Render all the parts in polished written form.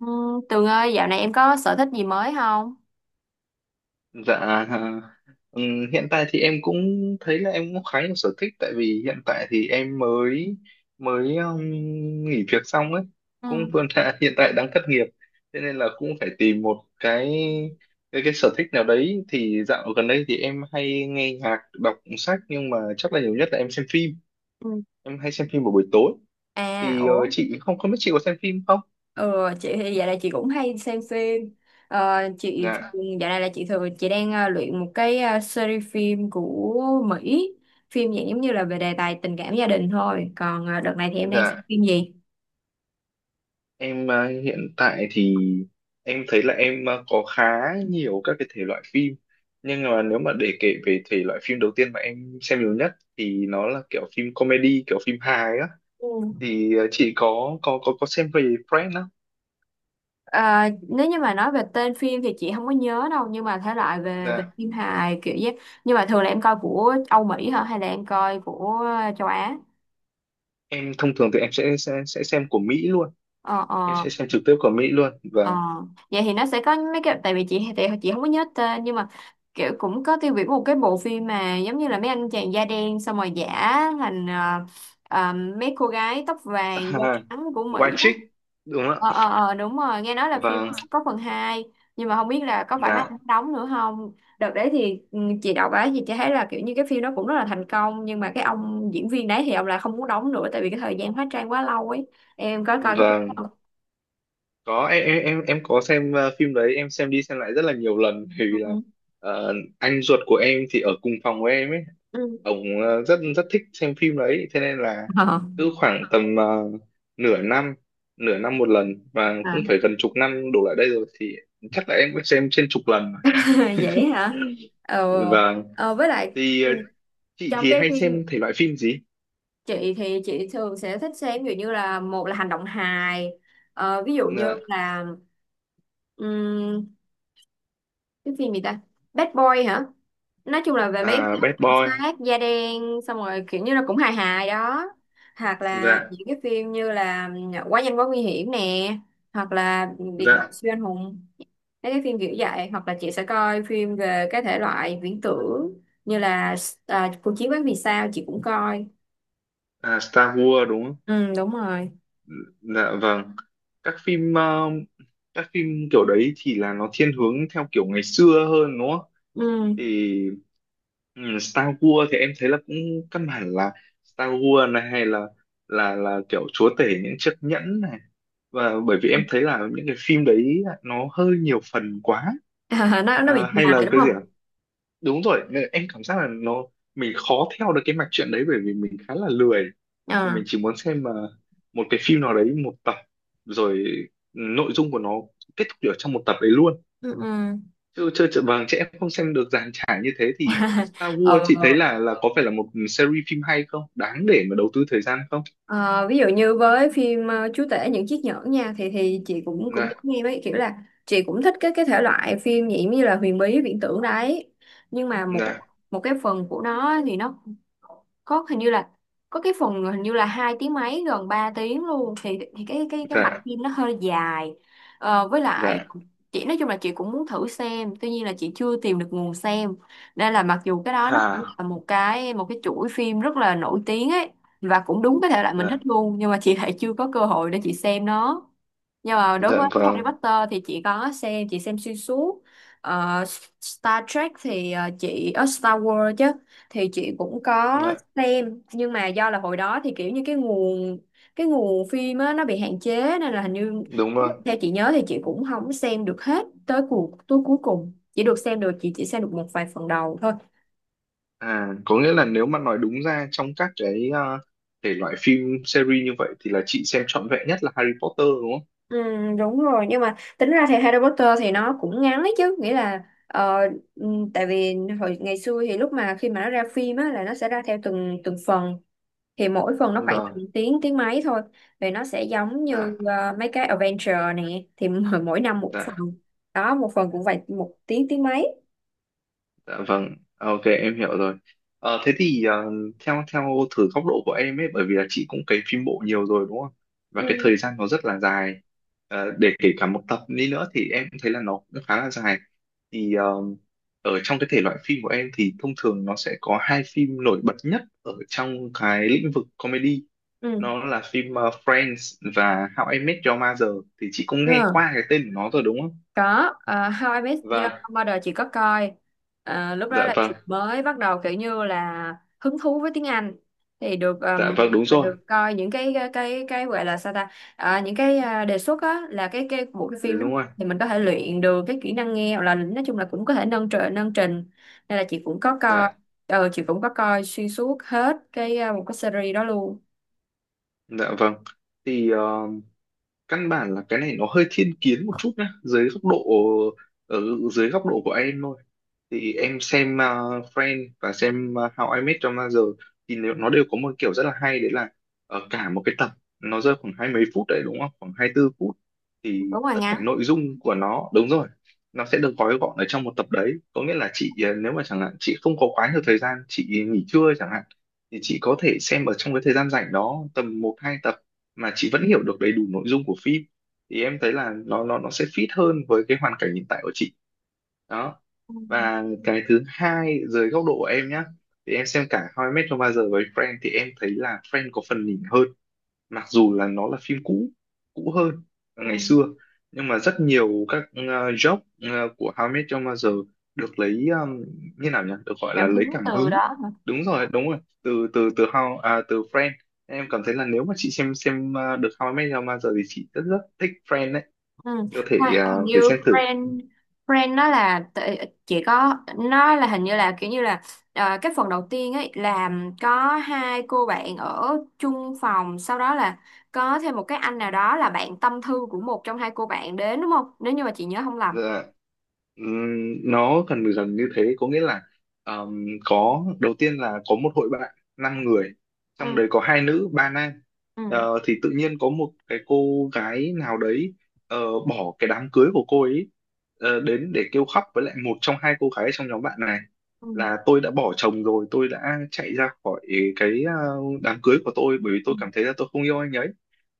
Ừ, Tường ơi, dạo này em có sở thích gì mới không? Dạ, à, hiện tại thì em cũng thấy là em cũng khá nhiều sở thích, tại vì hiện tại thì em mới mới nghỉ việc xong ấy, cũng Ừ. vừa là hiện tại đang thất nghiệp, thế nên là cũng phải tìm một cái sở thích nào đấy. Thì dạo gần đây thì em hay nghe nhạc, đọc sách, nhưng mà chắc là nhiều nhất là em xem phim, Ừ. em hay xem phim vào buổi tối. À, Thì ủa, chị không không biết chị có xem phim không? ừ, chị thì dạo này chị cũng hay xem phim. Ờ, chị Dạ, dạo này là chị thường chị đang luyện một cái series phim của Mỹ, phim dạng giống như là về đề tài tình cảm gia đình thôi. Còn đợt này thì em đang xem dạ. phim gì? Em hiện tại thì em thấy là em có khá nhiều các cái thể loại phim, nhưng mà nếu mà để kể về thể loại phim đầu tiên mà em xem nhiều nhất thì nó là kiểu phim comedy, kiểu phim hài á. Ừ. Thì chị có xem về Friends không? Ờ, nếu như mà nói về tên phim thì chị không có nhớ đâu, nhưng mà thể loại về về Dạ, phim hài kiểu vậy. Nhưng mà thường là em coi của Âu Mỹ hả hay là em coi của châu Á? em thông thường thì em sẽ xem của Mỹ luôn, Ờ em ờ. sẽ xem trực tiếp của Mỹ luôn, Ờ, và vậy thì nó sẽ có mấy cái tại vì chị thì chị không có nhớ tên, nhưng mà kiểu cũng có tiêu biểu một cái bộ phim mà giống như là mấy anh chàng da đen xong rồi giả thành ờ, mấy cô gái tóc vàng da trắng của White Mỹ. Chick đúng không Ờ ờ ạ? ờ, đúng rồi, nghe nói là phim Vâng, sắp có phần hai, nhưng mà không biết là có phải mấy dạ anh đóng nữa không. Đợt đấy thì chị đọc á thì chị thấy là kiểu như cái phim đó cũng rất là thành công, nhưng mà cái ông diễn viên đấy thì ông lại không muốn đóng nữa tại vì cái thời gian hóa trang quá lâu ấy. Em có coi cái phim đó vâng, không? có. Em em có xem phim đấy, em xem đi xem lại rất là nhiều lần, bởi vì là Ừ. Anh ruột của em thì ở cùng phòng với em ấy, Ừ. ông rất rất thích xem phim đấy. Thế nên là Ờ. cứ khoảng tầm nửa năm, nửa năm một lần, và À, cũng phải gần chục năm đổ lại đây rồi, thì chắc là em cũng xem trên chục lần vậy hả? rồi. Ờ, Và ờ, với lại thì chị trong thì cái hay phim xem thể loại phim gì? chị thì chị thường sẽ thích xem ví dụ như là một là hành động hài, ví dụ như Dạ. là ừm, cái phim gì ta, Bad Boy hả? Nói chung là về mấy cái À, Bad cảnh Boy. sát da đen xong rồi kiểu như là cũng hài hài đó, hoặc là Dạ, những cái phim như là Quá nhanh quá nguy hiểm nè, hoặc là Biệt dạ. đội siêu anh hùng, mấy cái phim kiểu vậy, hoặc là chị sẽ coi phim về cái thể loại viễn tưởng như là cuộc chiến quán vì sao chị cũng coi. À, Star Wars đúng không? Ừ, đúng rồi. Dạ vâng. Các phim, các phim kiểu đấy thì là nó thiên hướng theo kiểu ngày xưa hơn đúng không? Ừ. Thì Star Wars thì em thấy là cũng căn bản là Star Wars này, hay là kiểu chúa tể những chiếc nhẫn này. Và bởi vì em thấy là những cái phim đấy nó hơi nhiều phần quá. Nó bị À, hay là dài đúng cái gì ạ? không? Đúng rồi, nên em cảm giác là nó, mình khó theo được cái mạch truyện đấy bởi vì mình khá là lười, thì Ờ. mình chỉ muốn xem mà một cái phim nào đấy một tập, rồi nội dung của nó kết thúc ở trong một tập đấy luôn, Ừ ừ. chứ chơi chợ vàng trẻ em không xem được dàn trải như thế. Thì Star Ờ. Wars chị thấy là có phải là một series phim hay không, đáng để mà đầu tư thời gian không? Ờ, ví dụ như với phim Chúa tể những chiếc nhẫn nha, thì chị cũng cũng Dạ, giống em ấy, kiểu là chị cũng thích cái thể loại phim nhỉ, như là huyền bí viễn tưởng đấy, nhưng mà một dạ, một cái phần của nó thì nó có hình như là có cái phần hình như là 2 tiếng mấy, gần 3 tiếng luôn, thì cái mạch dạ, phim nó hơi dài. Ờ, với lại dạ. chị nói chung là chị cũng muốn thử xem, tuy nhiên là chị chưa tìm được nguồn xem, nên là mặc dù cái đó nó cũng À, là một cái chuỗi phim rất là nổi tiếng ấy, và cũng đúng cái thể loại mình thích dạ, luôn, nhưng mà chị lại chưa có cơ hội để chị xem nó. Nhưng mà đối dạ với Harry vâng, Potter thì chị có xem, chị xem xuyên suốt. Ờ, Star Trek thì chị ở Star Wars chứ, thì chị cũng có dạ, xem, nhưng mà do là hồi đó thì kiểu như cái nguồn phim á, nó bị hạn chế, nên là hình như đúng rồi. theo chị nhớ thì chị cũng không xem được hết tới tới cuối cùng, chỉ được xem được chị chỉ xem được một vài phần đầu thôi. À, có nghĩa là nếu mà nói đúng ra, trong các cái thể loại phim series như vậy thì là chị xem trọn vẹn nhất là Harry Potter đúng không? Ừ, đúng rồi, nhưng mà tính ra thì Harry Potter thì nó cũng ngắn ấy chứ, nghĩa là ừ, tại vì hồi ngày xưa thì lúc mà khi mà nó ra phim á là nó sẽ ra theo từng từng phần, thì mỗi phần nó khoảng tầm Vâng, tiếng tiếng mấy thôi, thì nó sẽ giống dạ, như mấy cái adventure nè, thì mỗi mỗi năm một phần, dạ. đó, một phần cũng phải một tiếng tiếng mấy. Dạ vâng, à, ok em hiểu rồi. Thế thì theo theo thử góc độ của em ấy, bởi vì là chị cũng cấy phim bộ nhiều rồi đúng không? Và cái Ừ, thời gian nó rất là dài. Để kể cả một tập đi nữa thì em cũng thấy là nó cũng khá là dài. Thì ở trong cái thể loại phim của em thì thông thường nó sẽ có hai phim nổi bật nhất ở trong cái lĩnh vực comedy. ừ. Nó là phim Friends và How I Met Your Mother. Thì chị cũng nghe Ờ. qua cái tên của nó rồi đúng không? Có How I Met Your Vâng, Mother chị có coi. Ờ, lúc dạ đó là vâng, chị mới bắt đầu kiểu như là hứng thú với tiếng Anh, thì được dạ vâng, đúng rồi, được coi những cái gọi là sao ta, những cái đề xuất á là cái bộ cái dạ phim đó, đúng rồi. thì mình có thể luyện được cái kỹ năng nghe, hoặc là nói chung là cũng có thể nâng trình nâng trình, nên là chị cũng có coi, Dạ. chị cũng có coi xuyên suốt hết cái một cái series đó luôn. Dạ vâng. Thì căn bản là cái này nó hơi thiên kiến một chút nhá, dưới góc độ, ở dưới góc độ của em thôi. Thì em xem Friends và xem How I Met Your Mother, thì nếu nó đều có một kiểu rất là hay đấy là, ở cả một cái tập nó rơi khoảng hai mấy phút đấy đúng không? Khoảng 24 phút, thì Đúng rồi, tất cả ngắn. nội dung của nó, đúng rồi, nó sẽ được gói gọn ở trong một tập đấy. Có nghĩa là chị, nếu mà chẳng hạn chị không có quá nhiều thời gian, chị nghỉ trưa chẳng hạn, thì chị có thể xem ở trong cái thời gian rảnh đó tầm một hai tập mà chị vẫn hiểu được đầy đủ nội dung của phim, thì em thấy là nó sẽ fit hơn với cái hoàn cảnh hiện tại của chị đó. Ừ, Và cái thứ hai, dưới góc độ của em nhá, thì em xem cả How I Met Your Mother với Friends thì em thấy là Friends có phần nhỉnh hơn, mặc dù là nó là phim cũ, cũ hơn, ừ. ngày xưa. Nhưng mà rất nhiều các joke của How I Met Your Mother được lấy, như nào nhỉ, được gọi là Cảm lấy hứng cảm từ hứng, đó hả. đúng rồi, đúng rồi, từ từ từ How à, từ Friends. Em cảm thấy là nếu mà chị xem được How I Met Your Mother thì chị rất rất thích Friends đấy, Ừ. có thể Hình thử như xem thử. brand brand nó là chỉ có nó là hình như là kiểu như là cái phần đầu tiên ấy, làm có hai cô bạn ở chung phòng, sau đó là có thêm một cái anh nào đó là bạn tâm thư của một trong hai cô bạn đến, đúng không, nếu như mà chị nhớ không lầm. Dạ. Nó gần dần như thế, có nghĩa là, có đầu tiên là có một hội bạn năm người, trong Ừ đấy có hai nữ ba nam. ừ Thì tự nhiên có một cái cô gái nào đấy, ờ, bỏ cái đám cưới của cô ấy, đến để kêu khóc với lại một trong hai cô gái trong nhóm bạn này, ừ là tôi đã bỏ chồng rồi, tôi đã chạy ra khỏi cái đám cưới của tôi bởi vì ừ tôi cảm thấy là tôi không yêu anh ấy.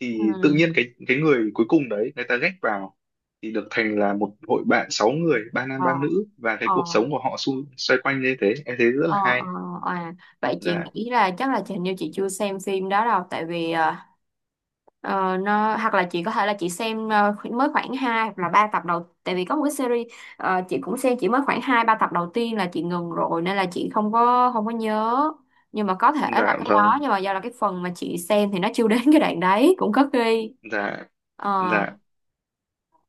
Thì tự ừ. nhiên cái người cuối cùng đấy người ta ghét vào, thì được thành là một hội bạn sáu người, ba nam Ờ ba nữ, và cái ờ. cuộc sống của họ, xoay quanh như thế, em thấy rất Ờ, là ờ, hay. à, vậy chị Dạ, nghĩ là chắc là hình như chị chưa xem phim đó đâu tại vì ờ, nó, hoặc là chị có thể là chị xem mới khoảng 2 hoặc là 3 tập đầu, tại vì có một cái series, chị cũng xem chỉ mới khoảng 2 3 tập đầu tiên là chị ngừng rồi, nên là chị không có nhớ, nhưng mà có thể là dạ cái đó, vâng, nhưng mà do là cái phần mà chị xem thì nó chưa đến cái đoạn đấy cũng có khi. dạ, Ờ, dạ.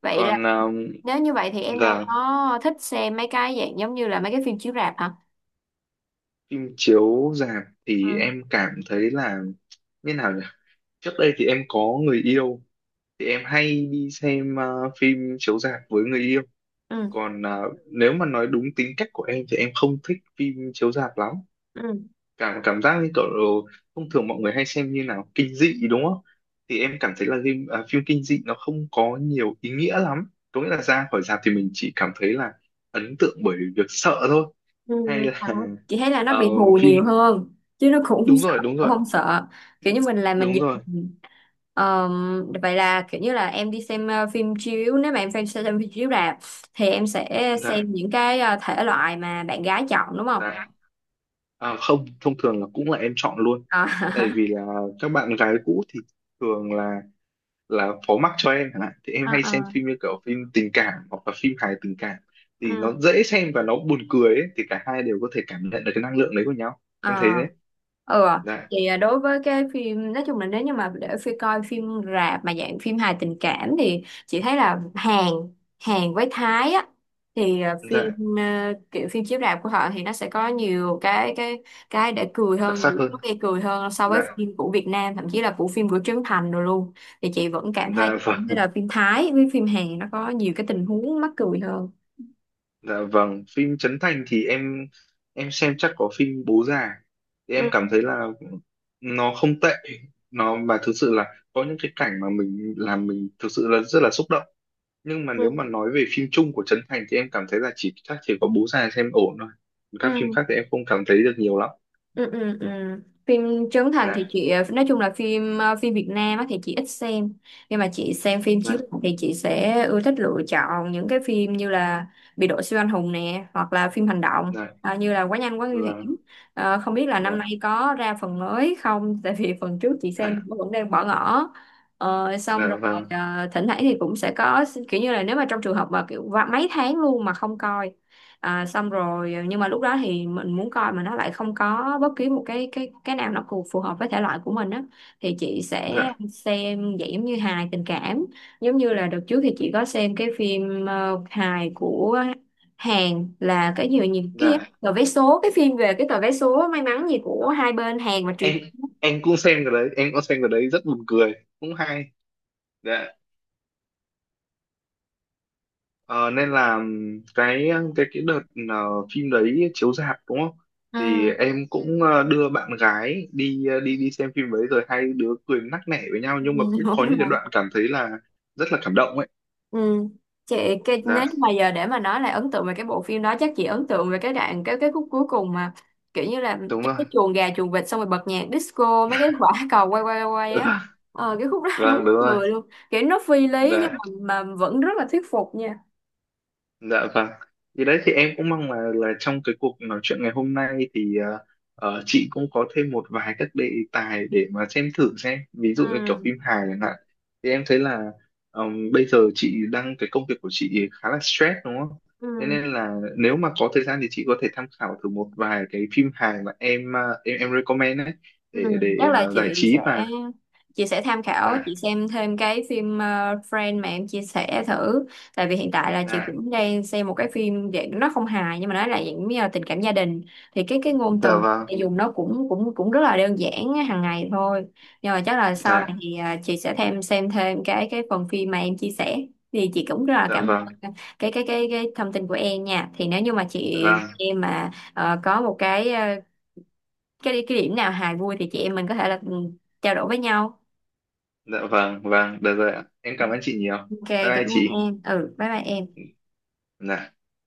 vậy là Còn nếu như vậy thì em đâu dạ, có thích xem mấy cái dạng giống như là mấy cái phim chiếu rạp hả? phim chiếu rạp thì Ừ. em cảm thấy là, như nào nhỉ, trước đây thì em có người yêu thì em hay đi xem phim chiếu rạp với người yêu. Ừ. Còn nếu mà nói đúng tính cách của em thì em không thích phim chiếu rạp lắm. Ừ. Cảm cảm giác như kiểu, thông thường mọi người hay xem, như nào, kinh dị đúng không? Thì em cảm thấy là phim, à, phim kinh dị nó không có nhiều ý nghĩa lắm, có nghĩa là ra khỏi rạp thì mình chỉ cảm thấy là ấn tượng bởi việc sợ thôi, Ừ, hay là thật. Chị thấy là nó ờ, bị hù nhiều phim, hơn chứ nó cũng không đúng sợ, rồi, đúng cũng rồi, không sợ, kiểu như mình là mình đúng giật rồi. mình. Vậy là kiểu như là em đi xem phim chiếu nếu mà em xem phim chiếu rạp thì em sẽ Dạ, xem những cái thể loại mà bạn gái chọn đúng không. dạ. À, không, thông thường là cũng là em chọn luôn, Ờ. tại vì là các bạn gái cũ thì thường là phó mắc cho em chẳng hạn, thì em À, hay xem à. phim như kiểu phim tình cảm hoặc là phim hài tình cảm, thì Ừ. nó dễ xem và nó buồn cười ấy, thì cả hai đều có thể cảm nhận được cái năng lượng đấy của nhau. Em À, thấy đấy, ừ à. dạ, Thì đối với cái phim, nói chung là nếu như mà để phi coi phim rạp mà dạng phim hài tình cảm thì chị thấy là Hàn Hàn với Thái á, thì phim dạ, kiểu phim chiếu rạp của họ thì nó sẽ có nhiều cái để cười đặc hơn, sắc nhiều hơn, lúc gây cười hơn so dạ, với phim của Việt Nam, thậm chí là của phim của Trấn Thành rồi luôn. Thì chị vẫn cảm thấy dạ thấy vâng, là phim Thái với phim Hàn nó có nhiều cái tình huống mắc cười hơn. dạ vâng. Phim Trấn Thành thì em xem chắc có phim Bố Già, thì em Ừ cảm thấy là nó không tệ, nó mà thực sự là có những cái cảnh mà mình làm mình thực sự là rất là xúc động. Nhưng mà nếu ừ mà nói về phim chung của Trấn Thành thì em cảm thấy là chỉ chắc chỉ có Bố Già xem ổn thôi, các phim ừ khác thì em không cảm thấy được nhiều lắm. ừ, ừ, ừ. Phim Trấn Thành thì Dạ, chị nói chung là phim phim Việt Nam á thì chị ít xem, nhưng mà chị xem phim chiếu dạ, rạp thì chị sẽ ưa thích lựa chọn những cái phim như là Biệt đội siêu anh hùng nè, hoặc là phim hành động dạ như là Quá nhanh quá nguy hiểm. vâng, Ờ, không biết là năm nay dạ, có ra phần mới không, tại vì phần trước chị xem hả, vẫn đang bỏ ngỏ. Ờ, xong rồi, dạ vâng, thỉnh thoảng thì cũng sẽ có kiểu như là nếu mà trong trường hợp mà kiểu và mấy tháng luôn mà không coi. À, xong rồi, nhưng mà lúc đó thì mình muốn coi mà nó lại không có bất kỳ một cái nào nó phù phù hợp với thể loại của mình á thì chị sẽ dạ, xem dạng giống như hài tình cảm, giống như là đợt trước thì chị có xem cái phim hài của Hàn, là cái gì nhỉ, cái gì? dạ. Tờ vé số, cái phim về cái tờ vé số may mắn gì của hai bên Hàn và Triều. Em cũng xem cái đấy, em cũng xem cái đấy, rất buồn cười, cũng hay. Dạ. Ờ, nên là cái đợt ờ, phim đấy chiếu rạp đúng không, Ừ. thì em cũng đưa bạn gái đi, ờ, đi đi xem phim đấy rồi hai đứa cười nắc nẻ với nhau, nhưng mà cũng có đúng những cái không? đoạn cảm thấy là rất là cảm động ấy. Ừ. Chị, cái nếu như Dạ mà giờ để mà nói là ấn tượng về cái bộ phim đó chắc chị ấn tượng về cái đoạn cái khúc cuối cùng mà kiểu như là đúng trong rồi. cái chuồng gà chuồng vịt xong rồi bật nhạc disco, mấy cái quả cầu quay quay quay Ừ, á, cái khúc đó vâng đúng đúng rồi. người luôn, kiểu nó phi lý nhưng Dạ, mà vẫn rất là thuyết phục nha. dạ vâng. Thì đấy, thì em cũng mong là trong cái cuộc nói chuyện ngày hôm nay thì chị cũng có thêm một vài các đề tài để mà xem thử xem, ví dụ như kiểu Ừ. phim hài chẳng hạn, thì em thấy là, bây giờ chị đang, cái công việc của chị khá là stress đúng không, thế Ừ. nên là nếu mà có thời gian thì chị có thể tham khảo thử một vài cái phim hài mà em, em recommend đấy, Ừ, để chắc là giải chị trí sẽ và, chị sẽ tham khảo, dạ, chị xem thêm cái phim Friend mà em chia sẻ thử, tại vì hiện tại là chị dạ, cũng đang xem một cái phim dạng nó không hài nhưng mà nó là dạng như là tình cảm gia đình, thì cái ngôn dạ từ vâng, chị dùng nó cũng cũng cũng rất là đơn giản á, hàng ngày thôi, nhưng mà chắc là sau này dạ, thì chị sẽ xem thêm cái phần phim mà em chia sẻ, thì chị cũng rất là dạ cảm vâng, ơn cái thông tin của em nha. Thì nếu như mà chị vâng, em mà có một cái cái điểm nào hài vui thì chị em mình có thể là trao đổi với nhau. dạ vâng, vâng, được rồi ạ, em cảm ơn chị nhiều. OK, Bye cảm bye ơn chị. em. Ừ, bye bye em. Dạ.